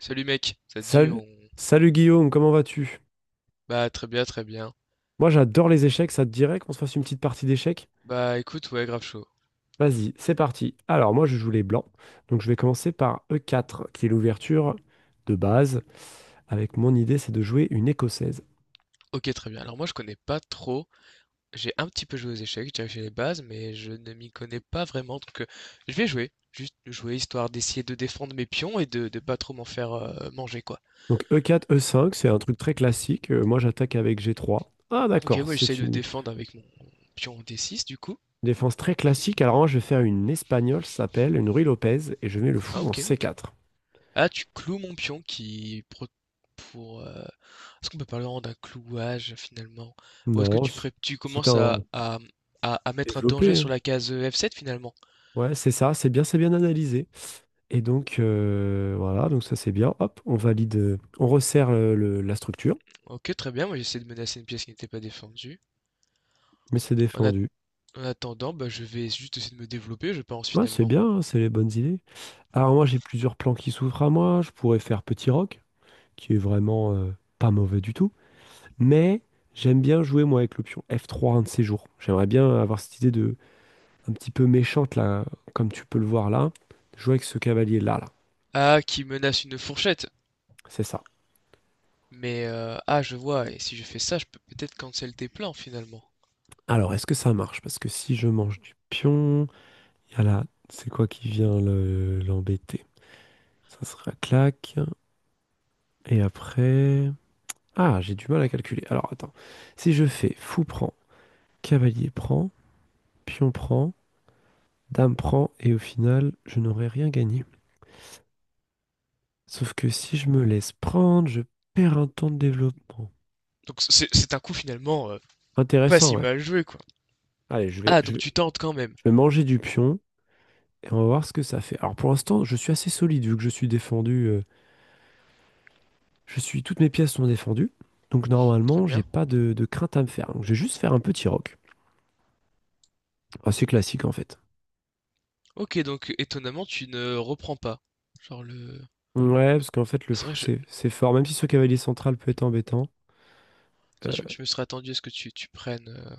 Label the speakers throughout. Speaker 1: Salut mec, ça te dit
Speaker 2: Salut,
Speaker 1: on...
Speaker 2: salut Guillaume, comment vas-tu?
Speaker 1: Bah très bien, très bien.
Speaker 2: Moi j'adore les échecs, ça te dirait qu'on se fasse une petite partie d'échecs?
Speaker 1: Bah écoute, ouais, grave chaud.
Speaker 2: Vas-y, c'est parti. Alors moi je joue les blancs, donc je vais commencer par E4, qui est l'ouverture de base, avec mon idée c'est de jouer une écossaise.
Speaker 1: Ok, très bien. Alors moi je connais pas trop, j'ai un petit peu joué aux échecs, j'ai déjà fait les bases, mais je ne m'y connais pas vraiment, donc je vais jouer. Juste jouer histoire d'essayer de défendre mes pions et de pas trop m'en faire manger quoi.
Speaker 2: Donc E4, E5, c'est un truc très classique. Moi j'attaque avec G3. Ah
Speaker 1: Ok,
Speaker 2: d'accord,
Speaker 1: moi j'essaye
Speaker 2: c'est
Speaker 1: de
Speaker 2: une
Speaker 1: défendre avec mon pion D6 du coup.
Speaker 2: défense très classique, alors moi je vais faire une espagnole, ça s'appelle une Ruy Lopez, et je mets le
Speaker 1: Ah
Speaker 2: fou en
Speaker 1: ok, ok.
Speaker 2: C4.
Speaker 1: Ah, tu cloues mon pion qui pro- pour est-ce qu'on peut parler vraiment d'un clouage finalement? Ou est-ce que
Speaker 2: Non, c-
Speaker 1: tu
Speaker 2: C'est
Speaker 1: commences
Speaker 2: un
Speaker 1: à mettre un danger
Speaker 2: développé, hein.
Speaker 1: sur la case F7 finalement?
Speaker 2: Ouais, c'est ça, c'est bien analysé. Et donc, voilà, donc ça c'est bien. Hop, on valide, on resserre la structure,
Speaker 1: Ok, très bien, moi j'essaie de menacer une pièce qui n'était pas défendue.
Speaker 2: mais c'est
Speaker 1: En, at-
Speaker 2: défendu.
Speaker 1: En attendant, bah, je vais juste essayer de me développer, je pense
Speaker 2: Ouais, c'est
Speaker 1: finalement.
Speaker 2: bien, hein, c'est les bonnes idées. Alors moi, j'ai plusieurs plans qui s'ouvrent à moi. Je pourrais faire Petit Rock, qui est vraiment pas mauvais du tout. Mais j'aime bien jouer, moi, avec l'option f trois un de ces jours. J'aimerais bien avoir cette idée un petit peu méchante, là, comme tu peux le voir là, jouer avec ce cavalier-là, là.
Speaker 1: Ah, qui menace une fourchette.
Speaker 2: C'est ça.
Speaker 1: Je vois, et si je fais ça, je peux peut-être cancel tes plans finalement.
Speaker 2: Alors, est-ce que ça marche? Parce que si je mange du pion, il y a là, c'est quoi qui vient l'embêter? Ça sera claque. Et après... Ah, j'ai du mal à calculer. Alors attends. Si je fais fou prend, cavalier prend, pion prend, dame prend, et au final, je n'aurai rien gagné. Sauf que si je me laisse prendre, je perds un temps de développement.
Speaker 1: Donc c'est un coup finalement pas
Speaker 2: Intéressant,
Speaker 1: si
Speaker 2: ouais.
Speaker 1: mal joué quoi.
Speaker 2: Allez,
Speaker 1: Ah, donc tu tentes quand même.
Speaker 2: je vais manger du pion et on va voir ce que ça fait. Alors pour l'instant, je suis assez solide vu que je suis défendu. Je suis, toutes mes pièces sont défendues. Donc
Speaker 1: Très
Speaker 2: normalement, j'ai
Speaker 1: bien.
Speaker 2: pas de crainte à me faire. Donc je vais juste faire un petit rock. Assez classique en fait.
Speaker 1: OK, donc étonnamment, tu ne reprends pas? Genre le
Speaker 2: Ouais, parce qu'en fait, le
Speaker 1: c'est vrai,
Speaker 2: fou,
Speaker 1: je
Speaker 2: c'est fort. Même si ce cavalier central peut être embêtant.
Speaker 1: C'est vrai,
Speaker 2: euh,
Speaker 1: je me serais attendu à ce que tu prennes,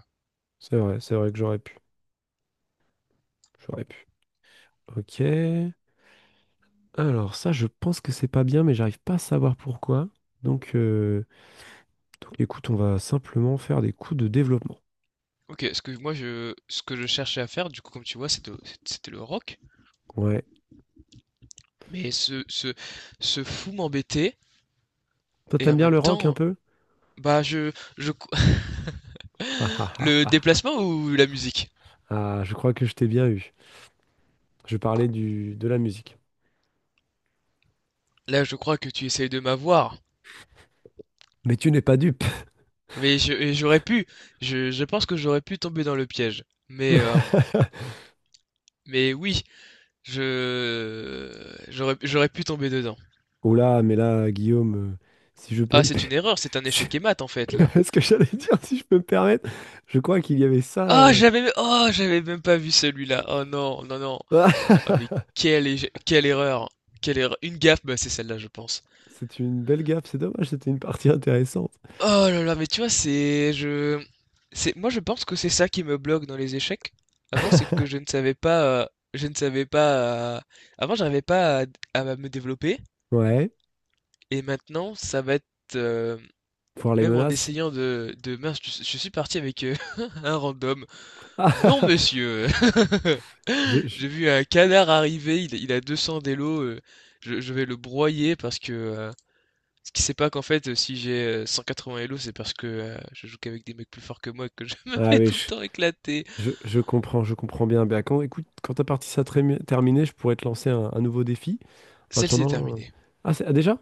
Speaker 2: c'est vrai, c'est vrai que j'aurais pu. J'aurais pu. Ok. Alors, ça, je pense que c'est pas bien, mais j'arrive pas à savoir pourquoi. Donc, euh, donc écoute, on va simplement faire des coups de développement.
Speaker 1: OK, ce que je cherchais à faire, du coup, comme tu vois, c'était le rock,
Speaker 2: Ouais.
Speaker 1: mais ce fou m'embêtait
Speaker 2: Toi,
Speaker 1: et
Speaker 2: t'aimes
Speaker 1: en
Speaker 2: bien
Speaker 1: même
Speaker 2: le rock un
Speaker 1: temps,
Speaker 2: peu?
Speaker 1: bah, je
Speaker 2: Ah, ah,
Speaker 1: le
Speaker 2: ah, ah.
Speaker 1: déplacement ou la musique?
Speaker 2: Ah, je crois que je t'ai bien eu. Je parlais de la musique.
Speaker 1: Là, je crois que tu essayes de m'avoir,
Speaker 2: Mais tu n'es pas dupe.
Speaker 1: mais je et j'aurais pu, je pense que j'aurais pu tomber dans le piège, mais oui, je j'aurais pu tomber dedans.
Speaker 2: Oh là, mais là, Guillaume, si je peux
Speaker 1: Ah,
Speaker 2: me...
Speaker 1: c'est une erreur, c'est un
Speaker 2: si-
Speaker 1: échec et mat en fait là.
Speaker 2: ce que j'allais dire, si je peux me permettre, je crois qu'il y avait ça.
Speaker 1: J'avais même pas vu celui-là. Oh non, non, non. Ah,
Speaker 2: Ah,
Speaker 1: quelle erreur. Quelle erreur. Une gaffe, bah, c'est celle-là, je pense.
Speaker 2: C'est une belle gaffe, c'est dommage, c'était une partie intéressante.
Speaker 1: Oh là là, Moi, je pense que c'est ça qui me bloque dans les échecs. Avant, c'est que je ne savais pas. Je ne savais pas. Avant, j'arrivais pas à... à me développer.
Speaker 2: Ouais,
Speaker 1: Et maintenant, ça va être. euh,
Speaker 2: voir les
Speaker 1: Même en
Speaker 2: menaces.
Speaker 1: essayant Mince, je suis parti avec un random. Non,
Speaker 2: Ah,
Speaker 1: monsieur.
Speaker 2: je, je-
Speaker 1: J'ai vu un canard arriver, il a 200 d'élo, je vais le broyer parce que ce qui sait pas qu'en fait, si j'ai 180 élo, c'est parce que je joue qu'avec des mecs plus forts que moi et que je me
Speaker 2: ah
Speaker 1: fais
Speaker 2: oui,
Speaker 1: tout le temps éclater.
Speaker 2: je comprends bien. Bah, écoute, quand ta partie sera terminée, je pourrais te lancer un nouveau défi. En
Speaker 1: Celle-ci est
Speaker 2: attendant.
Speaker 1: terminée.
Speaker 2: Ah, ah, déjà?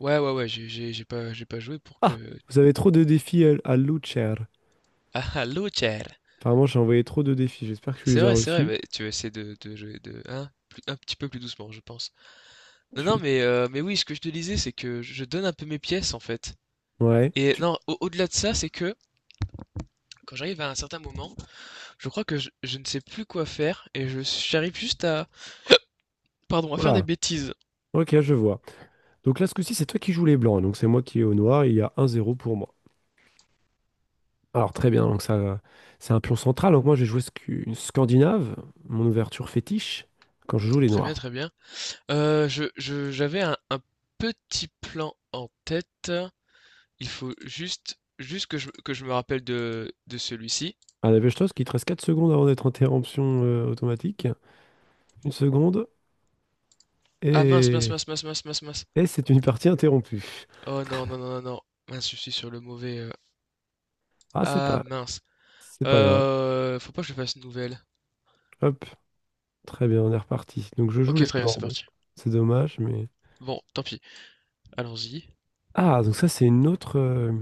Speaker 1: Ouais, ouais, ouais, j'ai pas joué pour que...
Speaker 2: Ah, vous avez trop de défis à Lucher.
Speaker 1: Ah, ah, Lothar.
Speaker 2: Apparemment, j'ai envoyé trop de défis, j'espère que tu les as
Speaker 1: C'est vrai,
Speaker 2: reçus.
Speaker 1: mais tu vas essayer de jouer de, hein, un petit peu plus doucement, je pense. Non, non,
Speaker 2: Tu...
Speaker 1: mais oui, ce que je te disais, c'est que je donne un peu mes pièces, en fait.
Speaker 2: Ouais,
Speaker 1: Et
Speaker 2: tu...
Speaker 1: non, au-delà de ça, c'est que quand j'arrive à un certain moment, je crois que je ne sais plus quoi faire et je j'arrive juste à pardon, à faire des
Speaker 2: voilà.
Speaker 1: bêtises.
Speaker 2: Ok, je vois. Donc là, ce coup-ci, c'est toi qui joues les blancs, donc c'est moi qui ai au noir, il y a un zéro pour moi. Alors très bien, donc ça, c'est un pion central. Donc moi, je vais jouer une Scandinave, mon ouverture fétiche, quand je joue les
Speaker 1: Très bien,
Speaker 2: noirs.
Speaker 1: très bien. J'avais un petit plan en tête. Il faut juste que que je me rappelle de celui-ci.
Speaker 2: À la Bestos, qui te reste 4 secondes avant d'être interruption automatique. Une seconde,
Speaker 1: Ah mince, mince,
Speaker 2: et,
Speaker 1: mince, mince, mince, mince, mince.
Speaker 2: et c'est une partie interrompue.
Speaker 1: Oh non, non, non, non, non. Mince, je suis sur le mauvais.
Speaker 2: Ah, c'est
Speaker 1: Ah
Speaker 2: pas,
Speaker 1: mince.
Speaker 2: c'est pas grave.
Speaker 1: Faut pas que je fasse une nouvelle.
Speaker 2: Hop, très bien, on est reparti. Donc je joue
Speaker 1: Ok,
Speaker 2: les
Speaker 1: très bien,
Speaker 2: blancs,
Speaker 1: c'est
Speaker 2: bon.
Speaker 1: parti.
Speaker 2: C'est dommage, mais...
Speaker 1: Bon, tant pis. Allons-y.
Speaker 2: Ah, donc ça, c'est une autre...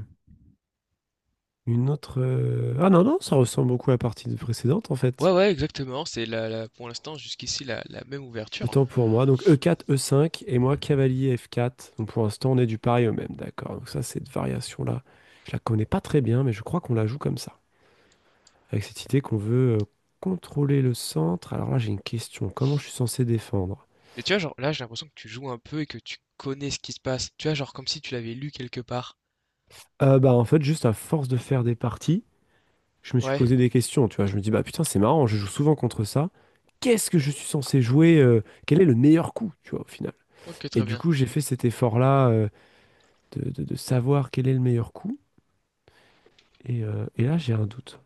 Speaker 2: Une autre... Ah non, non, ça ressemble beaucoup à la partie précédente, en
Speaker 1: Ouais,
Speaker 2: fait.
Speaker 1: ouais, exactement. C'est pour l'instant, jusqu'ici, la même ouverture.
Speaker 2: Autant pour moi. Donc E4, E5 et moi cavalier F4. Donc pour l'instant, on est du pareil au même, d'accord. Donc ça, cette variation-là, je la connais pas très bien, mais je crois qu'on la joue comme ça. Avec cette idée qu'on veut contrôler le centre. Alors là, j'ai une question. Comment je suis censé défendre?
Speaker 1: Mais tu vois, genre, là, j'ai l'impression que tu joues un peu et que tu connais ce qui se passe. Tu vois, genre, comme si tu l'avais lu quelque part.
Speaker 2: Bah en fait, juste à force de faire des parties, je me suis
Speaker 1: Ouais,
Speaker 2: posé des questions, tu vois. Je me dis, bah putain, c'est marrant, je joue souvent contre ça. Qu'est-ce que je suis censé jouer? Quel est le meilleur coup, tu vois, au final?
Speaker 1: ok,
Speaker 2: Et
Speaker 1: très
Speaker 2: du
Speaker 1: bien.
Speaker 2: coup, j'ai fait cet effort-là de savoir quel est le meilleur coup. Et là, j'ai un doute.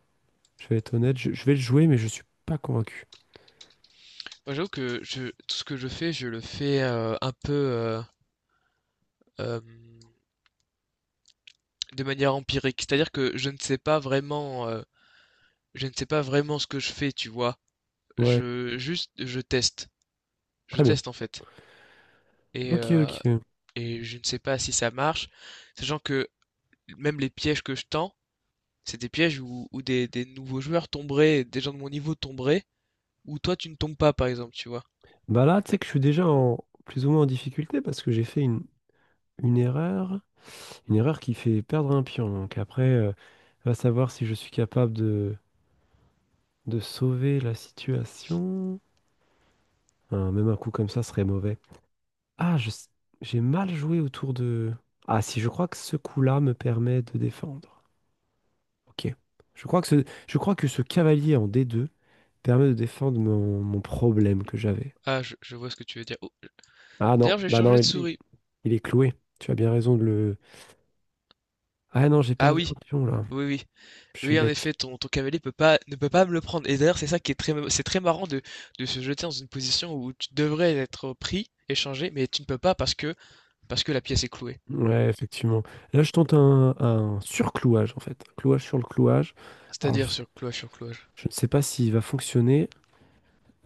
Speaker 2: Je vais être honnête, je vais le jouer, mais je suis pas convaincu.
Speaker 1: Moi, j'avoue que tout ce que je fais, je le fais un peu euh, de manière empirique. C'est-à-dire que je ne sais pas vraiment, je ne sais pas vraiment ce que je fais, tu vois.
Speaker 2: Ouais,
Speaker 1: Juste, je teste. Je
Speaker 2: très bien.
Speaker 1: teste, en fait. et,
Speaker 2: Ok,
Speaker 1: euh,
Speaker 2: ok.
Speaker 1: et je ne sais pas si ça marche, sachant que même les pièges que je tends, c'est des pièges où, où des nouveaux joueurs tomberaient, des gens de mon niveau tomberaient, où toi tu ne tombes pas par exemple, tu vois.
Speaker 2: Bah là, tu sais que je suis déjà plus ou moins en difficulté parce que j'ai fait une erreur. Une erreur qui fait perdre un pion. Va savoir si je suis capable de sauver la situation. Hein, même un coup comme ça serait mauvais. Ah, je s- j'ai mal joué autour de... Ah si, je crois que ce coup-là me permet de défendre. Ok. Je crois que ce cavalier en D2 permet de défendre mon problème que j'avais.
Speaker 1: Ah, je vois ce que tu veux dire. Oh,
Speaker 2: Ah non,
Speaker 1: d'ailleurs, j'ai
Speaker 2: bah non,
Speaker 1: changé de souris.
Speaker 2: il- Est cloué. Tu as bien raison de le. Ah non, j'ai
Speaker 1: Ah
Speaker 2: perdu
Speaker 1: oui,
Speaker 2: un pion là.
Speaker 1: oui, oui.
Speaker 2: Je suis
Speaker 1: Oui, en
Speaker 2: bête.
Speaker 1: effet, ton cavalier peut pas, ne peut pas me le prendre. Et d'ailleurs, c'est ça qui est très, c'est très marrant de se jeter dans une position où tu devrais être pris, échangé, mais tu ne peux pas parce que la pièce est clouée.
Speaker 2: Ouais, effectivement. Là, je tente un surclouage en fait. Un clouage sur le clouage. Alors, je,
Speaker 1: C'est-à-dire sur cloche sur cloche.
Speaker 2: je ne sais pas s'il va fonctionner.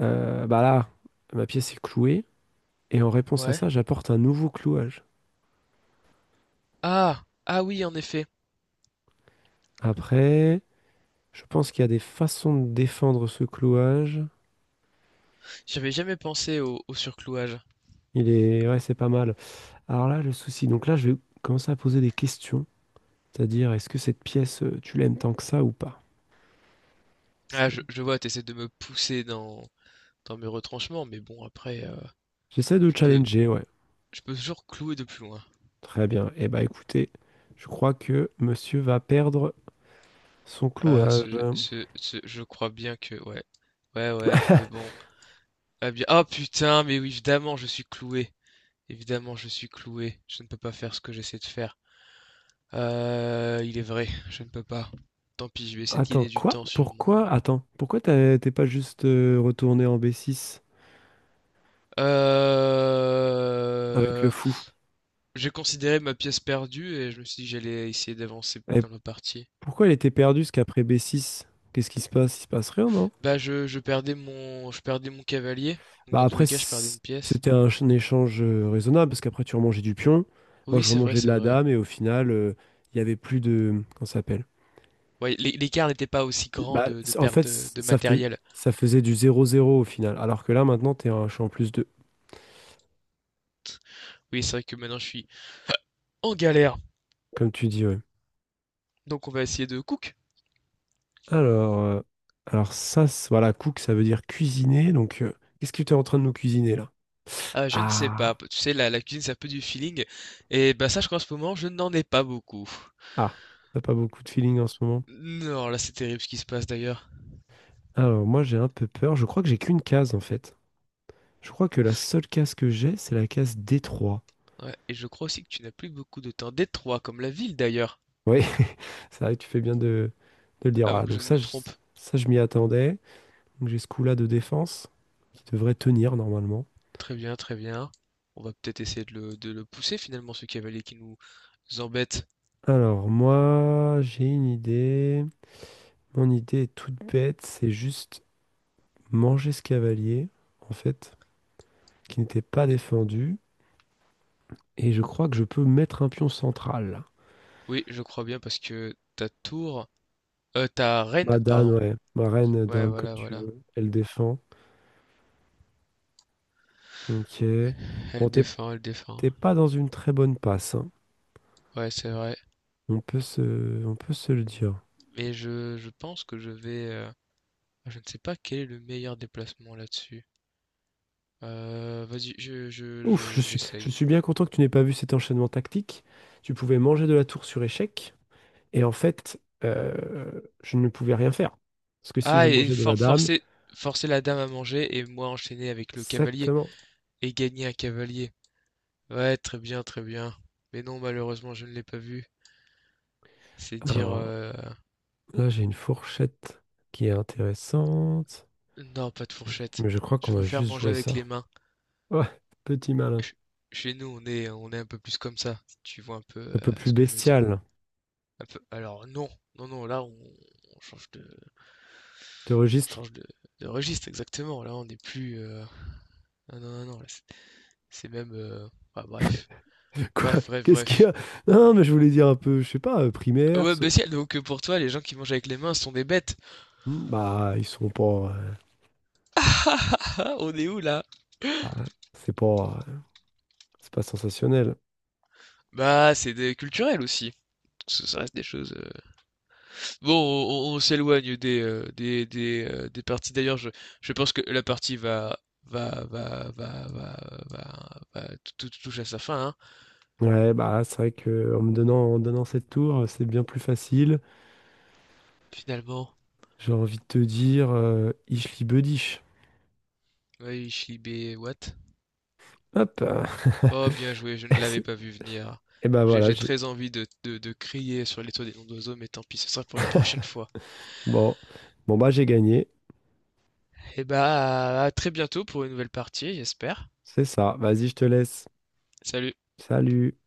Speaker 2: Bah là, ma pièce est clouée. Et en réponse à
Speaker 1: Ouais.
Speaker 2: ça, j'apporte un nouveau clouage.
Speaker 1: Ah, ah oui, en effet.
Speaker 2: Après, je pense qu'il y a des façons de défendre ce clouage.
Speaker 1: J'avais jamais pensé au surclouage.
Speaker 2: Il est. Ouais, c'est pas mal. Alors là, le souci. Donc là, je vais commencer à poser des questions. C'est-à-dire, est-ce que cette pièce, tu l'aimes tant que ça ou pas?
Speaker 1: Ah,
Speaker 2: C'est-
Speaker 1: je vois, t'essaies de me pousser dans mes retranchements, mais bon, après,
Speaker 2: J'essaie
Speaker 1: je
Speaker 2: de
Speaker 1: peux,
Speaker 2: challenger, ouais.
Speaker 1: je peux toujours clouer de plus loin.
Speaker 2: Très bien. Eh bah écoutez, je crois que monsieur va perdre son
Speaker 1: Ah,
Speaker 2: clouage.
Speaker 1: je crois bien que, ouais, ouais, ouais, mais bon. Ah bien, oh putain, mais oui, évidemment, je suis cloué. Évidemment, je suis cloué. Je ne peux pas faire ce que j'essaie de faire. Il est vrai, je ne peux pas. Tant pis, je vais essayer de
Speaker 2: Attends,
Speaker 1: gagner du
Speaker 2: quoi?
Speaker 1: temps sur mon.
Speaker 2: Pourquoi? Attends, t'es pas juste retourné en B6 avec le
Speaker 1: Euh...
Speaker 2: fou?
Speaker 1: J'ai considéré ma pièce perdue et je me suis dit que j'allais essayer d'avancer
Speaker 2: Et
Speaker 1: dans la partie.
Speaker 2: pourquoi il était perdu ce qu'après B6? Qu'est-ce qui se passe? Il se passe rien, non?
Speaker 1: Bah je perdais mon cavalier, donc
Speaker 2: Bah
Speaker 1: dans tous
Speaker 2: après,
Speaker 1: les cas je perdais une pièce.
Speaker 2: c'était un échange raisonnable, parce qu'après tu remangeais du pion, moi
Speaker 1: Oui
Speaker 2: je
Speaker 1: c'est vrai,
Speaker 2: remangeais de
Speaker 1: c'est
Speaker 2: la
Speaker 1: vrai.
Speaker 2: dame, et au final, il y avait plus de... Comment ça s'appelle?
Speaker 1: Ouais, l'écart n'était pas aussi grand
Speaker 2: Bah,
Speaker 1: de
Speaker 2: c- en fait,
Speaker 1: perte
Speaker 2: c-
Speaker 1: de
Speaker 2: ça, fais-
Speaker 1: matériel.
Speaker 2: Ça faisait du zéro zéro au final. Alors que là, maintenant, t'es un champ plus 2,
Speaker 1: Oui c'est vrai que maintenant je suis en galère,
Speaker 2: comme tu dis, ouais.
Speaker 1: donc on va essayer de cook.
Speaker 2: Alors, euh, voilà, cook, ça veut dire cuisiner. Qu'est-ce que tu es en train de nous cuisiner là?
Speaker 1: Ah je ne sais
Speaker 2: Ah,
Speaker 1: pas, tu sais la cuisine c'est un peu du feeling, et bah sache qu'en ce moment je n'en ai pas beaucoup.
Speaker 2: ah, t'as pas beaucoup de feeling en ce moment.
Speaker 1: Non là c'est terrible ce qui se passe d'ailleurs.
Speaker 2: Alors, moi, j'ai un peu peur. Je crois que j'ai qu'une case, en fait. Je crois que la seule case que j'ai, c'est la case d trois.
Speaker 1: Ouais, et je crois aussi que tu n'as plus beaucoup de temps. Détroit comme la ville d'ailleurs,
Speaker 2: Oui, c'est vrai, que tu fais bien de le dire.
Speaker 1: à moins
Speaker 2: Voilà,
Speaker 1: que je ne me trompe.
Speaker 2: ça, je m'y attendais. Donc, j'ai ce coup-là de défense qui devrait tenir normalement.
Speaker 1: Très bien, très bien. On va peut-être essayer de le pousser finalement, ce cavalier qui nous embête.
Speaker 2: Alors, moi, j'ai une idée. Mon idée est toute bête, c'est juste manger ce cavalier, en fait, qui n'était pas défendu. Et je crois que je peux mettre un pion central.
Speaker 1: Oui, je crois bien parce que ta
Speaker 2: Ma
Speaker 1: reine,
Speaker 2: dame,
Speaker 1: pardon.
Speaker 2: ouais. Ma reine,
Speaker 1: Ouais,
Speaker 2: dame, comme
Speaker 1: voilà,
Speaker 2: tu
Speaker 1: voilà.
Speaker 2: veux. Elle défend. Ok.
Speaker 1: Elle
Speaker 2: Bon,
Speaker 1: défend, elle défend.
Speaker 2: t'es pas dans une très bonne passe, hein.
Speaker 1: Ouais, c'est vrai.
Speaker 2: On peut se, on peut se le dire.
Speaker 1: Mais je pense que je vais. Je ne sais pas quel est le meilleur déplacement là-dessus. Vas-y,
Speaker 2: Ouf, je
Speaker 1: j'essaye.
Speaker 2: suis bien content que tu n'aies pas vu cet enchaînement tactique. Tu pouvais manger de la tour sur échec. Et en fait, je ne pouvais rien faire. Parce que si je
Speaker 1: Ah,
Speaker 2: mangeais de la dame,
Speaker 1: forcer forcer la dame à manger et moi enchaîner avec le cavalier
Speaker 2: exactement.
Speaker 1: et gagner un cavalier. Ouais, très bien, très bien. Mais non, malheureusement, je ne l'ai pas vu. C'est dire...
Speaker 2: Alors
Speaker 1: euh,
Speaker 2: là, j'ai une fourchette qui est intéressante.
Speaker 1: Non, pas de fourchette.
Speaker 2: Mais je crois
Speaker 1: Je
Speaker 2: qu'on va
Speaker 1: préfère
Speaker 2: juste
Speaker 1: manger
Speaker 2: jouer
Speaker 1: avec les
Speaker 2: ça.
Speaker 1: mains.
Speaker 2: Ouais, petit malin.
Speaker 1: Ch- Chez nous, on est un peu plus comme ça. Si tu vois un peu
Speaker 2: Un peu plus
Speaker 1: ce que je veux dire.
Speaker 2: bestial.
Speaker 1: Un peu... Alors, non, non, non, là, on change de...
Speaker 2: De
Speaker 1: On
Speaker 2: registre.
Speaker 1: change de registre, exactement. Là, on n'est plus... Non, non, non, non, là, c'est même... ah, bref.
Speaker 2: Quoi?
Speaker 1: Bref, bref,
Speaker 2: Qu'est-ce qu'il y
Speaker 1: bref.
Speaker 2: a? Non, mais je voulais dire un peu, je sais pas, primaire.
Speaker 1: Ouais,
Speaker 2: Ce-
Speaker 1: bah si, donc pour toi, les gens qui mangent avec les mains sont des bêtes.
Speaker 2: Hmm, Bah, ils sont pas.
Speaker 1: On est où là?
Speaker 2: Bah, c'est pas, euh, c'est pas sensationnel.
Speaker 1: Bah, culturel aussi. Ça reste des choses. Bon, on s'éloigne des parties. D'ailleurs, je pense que la partie va, va, va, va, va, va- tout, tout touche à sa fin, hein.
Speaker 2: Ouais, bah, c'est vrai que en me donnant, en donnant cette tour, c'est bien plus facile.
Speaker 1: Finalement.
Speaker 2: J'ai envie de te dire Ich liebe dich.
Speaker 1: Oui, Shlibé, what?
Speaker 2: Hop.
Speaker 1: Oh, bien joué, je ne l'avais pas vu venir.
Speaker 2: Et ben voilà,
Speaker 1: J'ai
Speaker 2: j'ai
Speaker 1: très envie de crier sur les toits des noms d'oiseaux, mais tant pis, ce sera pour une prochaine fois.
Speaker 2: bon. Bon bah j'ai gagné.
Speaker 1: Et bah, à très bientôt pour une nouvelle partie, j'espère.
Speaker 2: C'est ça. Vas-y, je te laisse.
Speaker 1: Salut.
Speaker 2: Salut.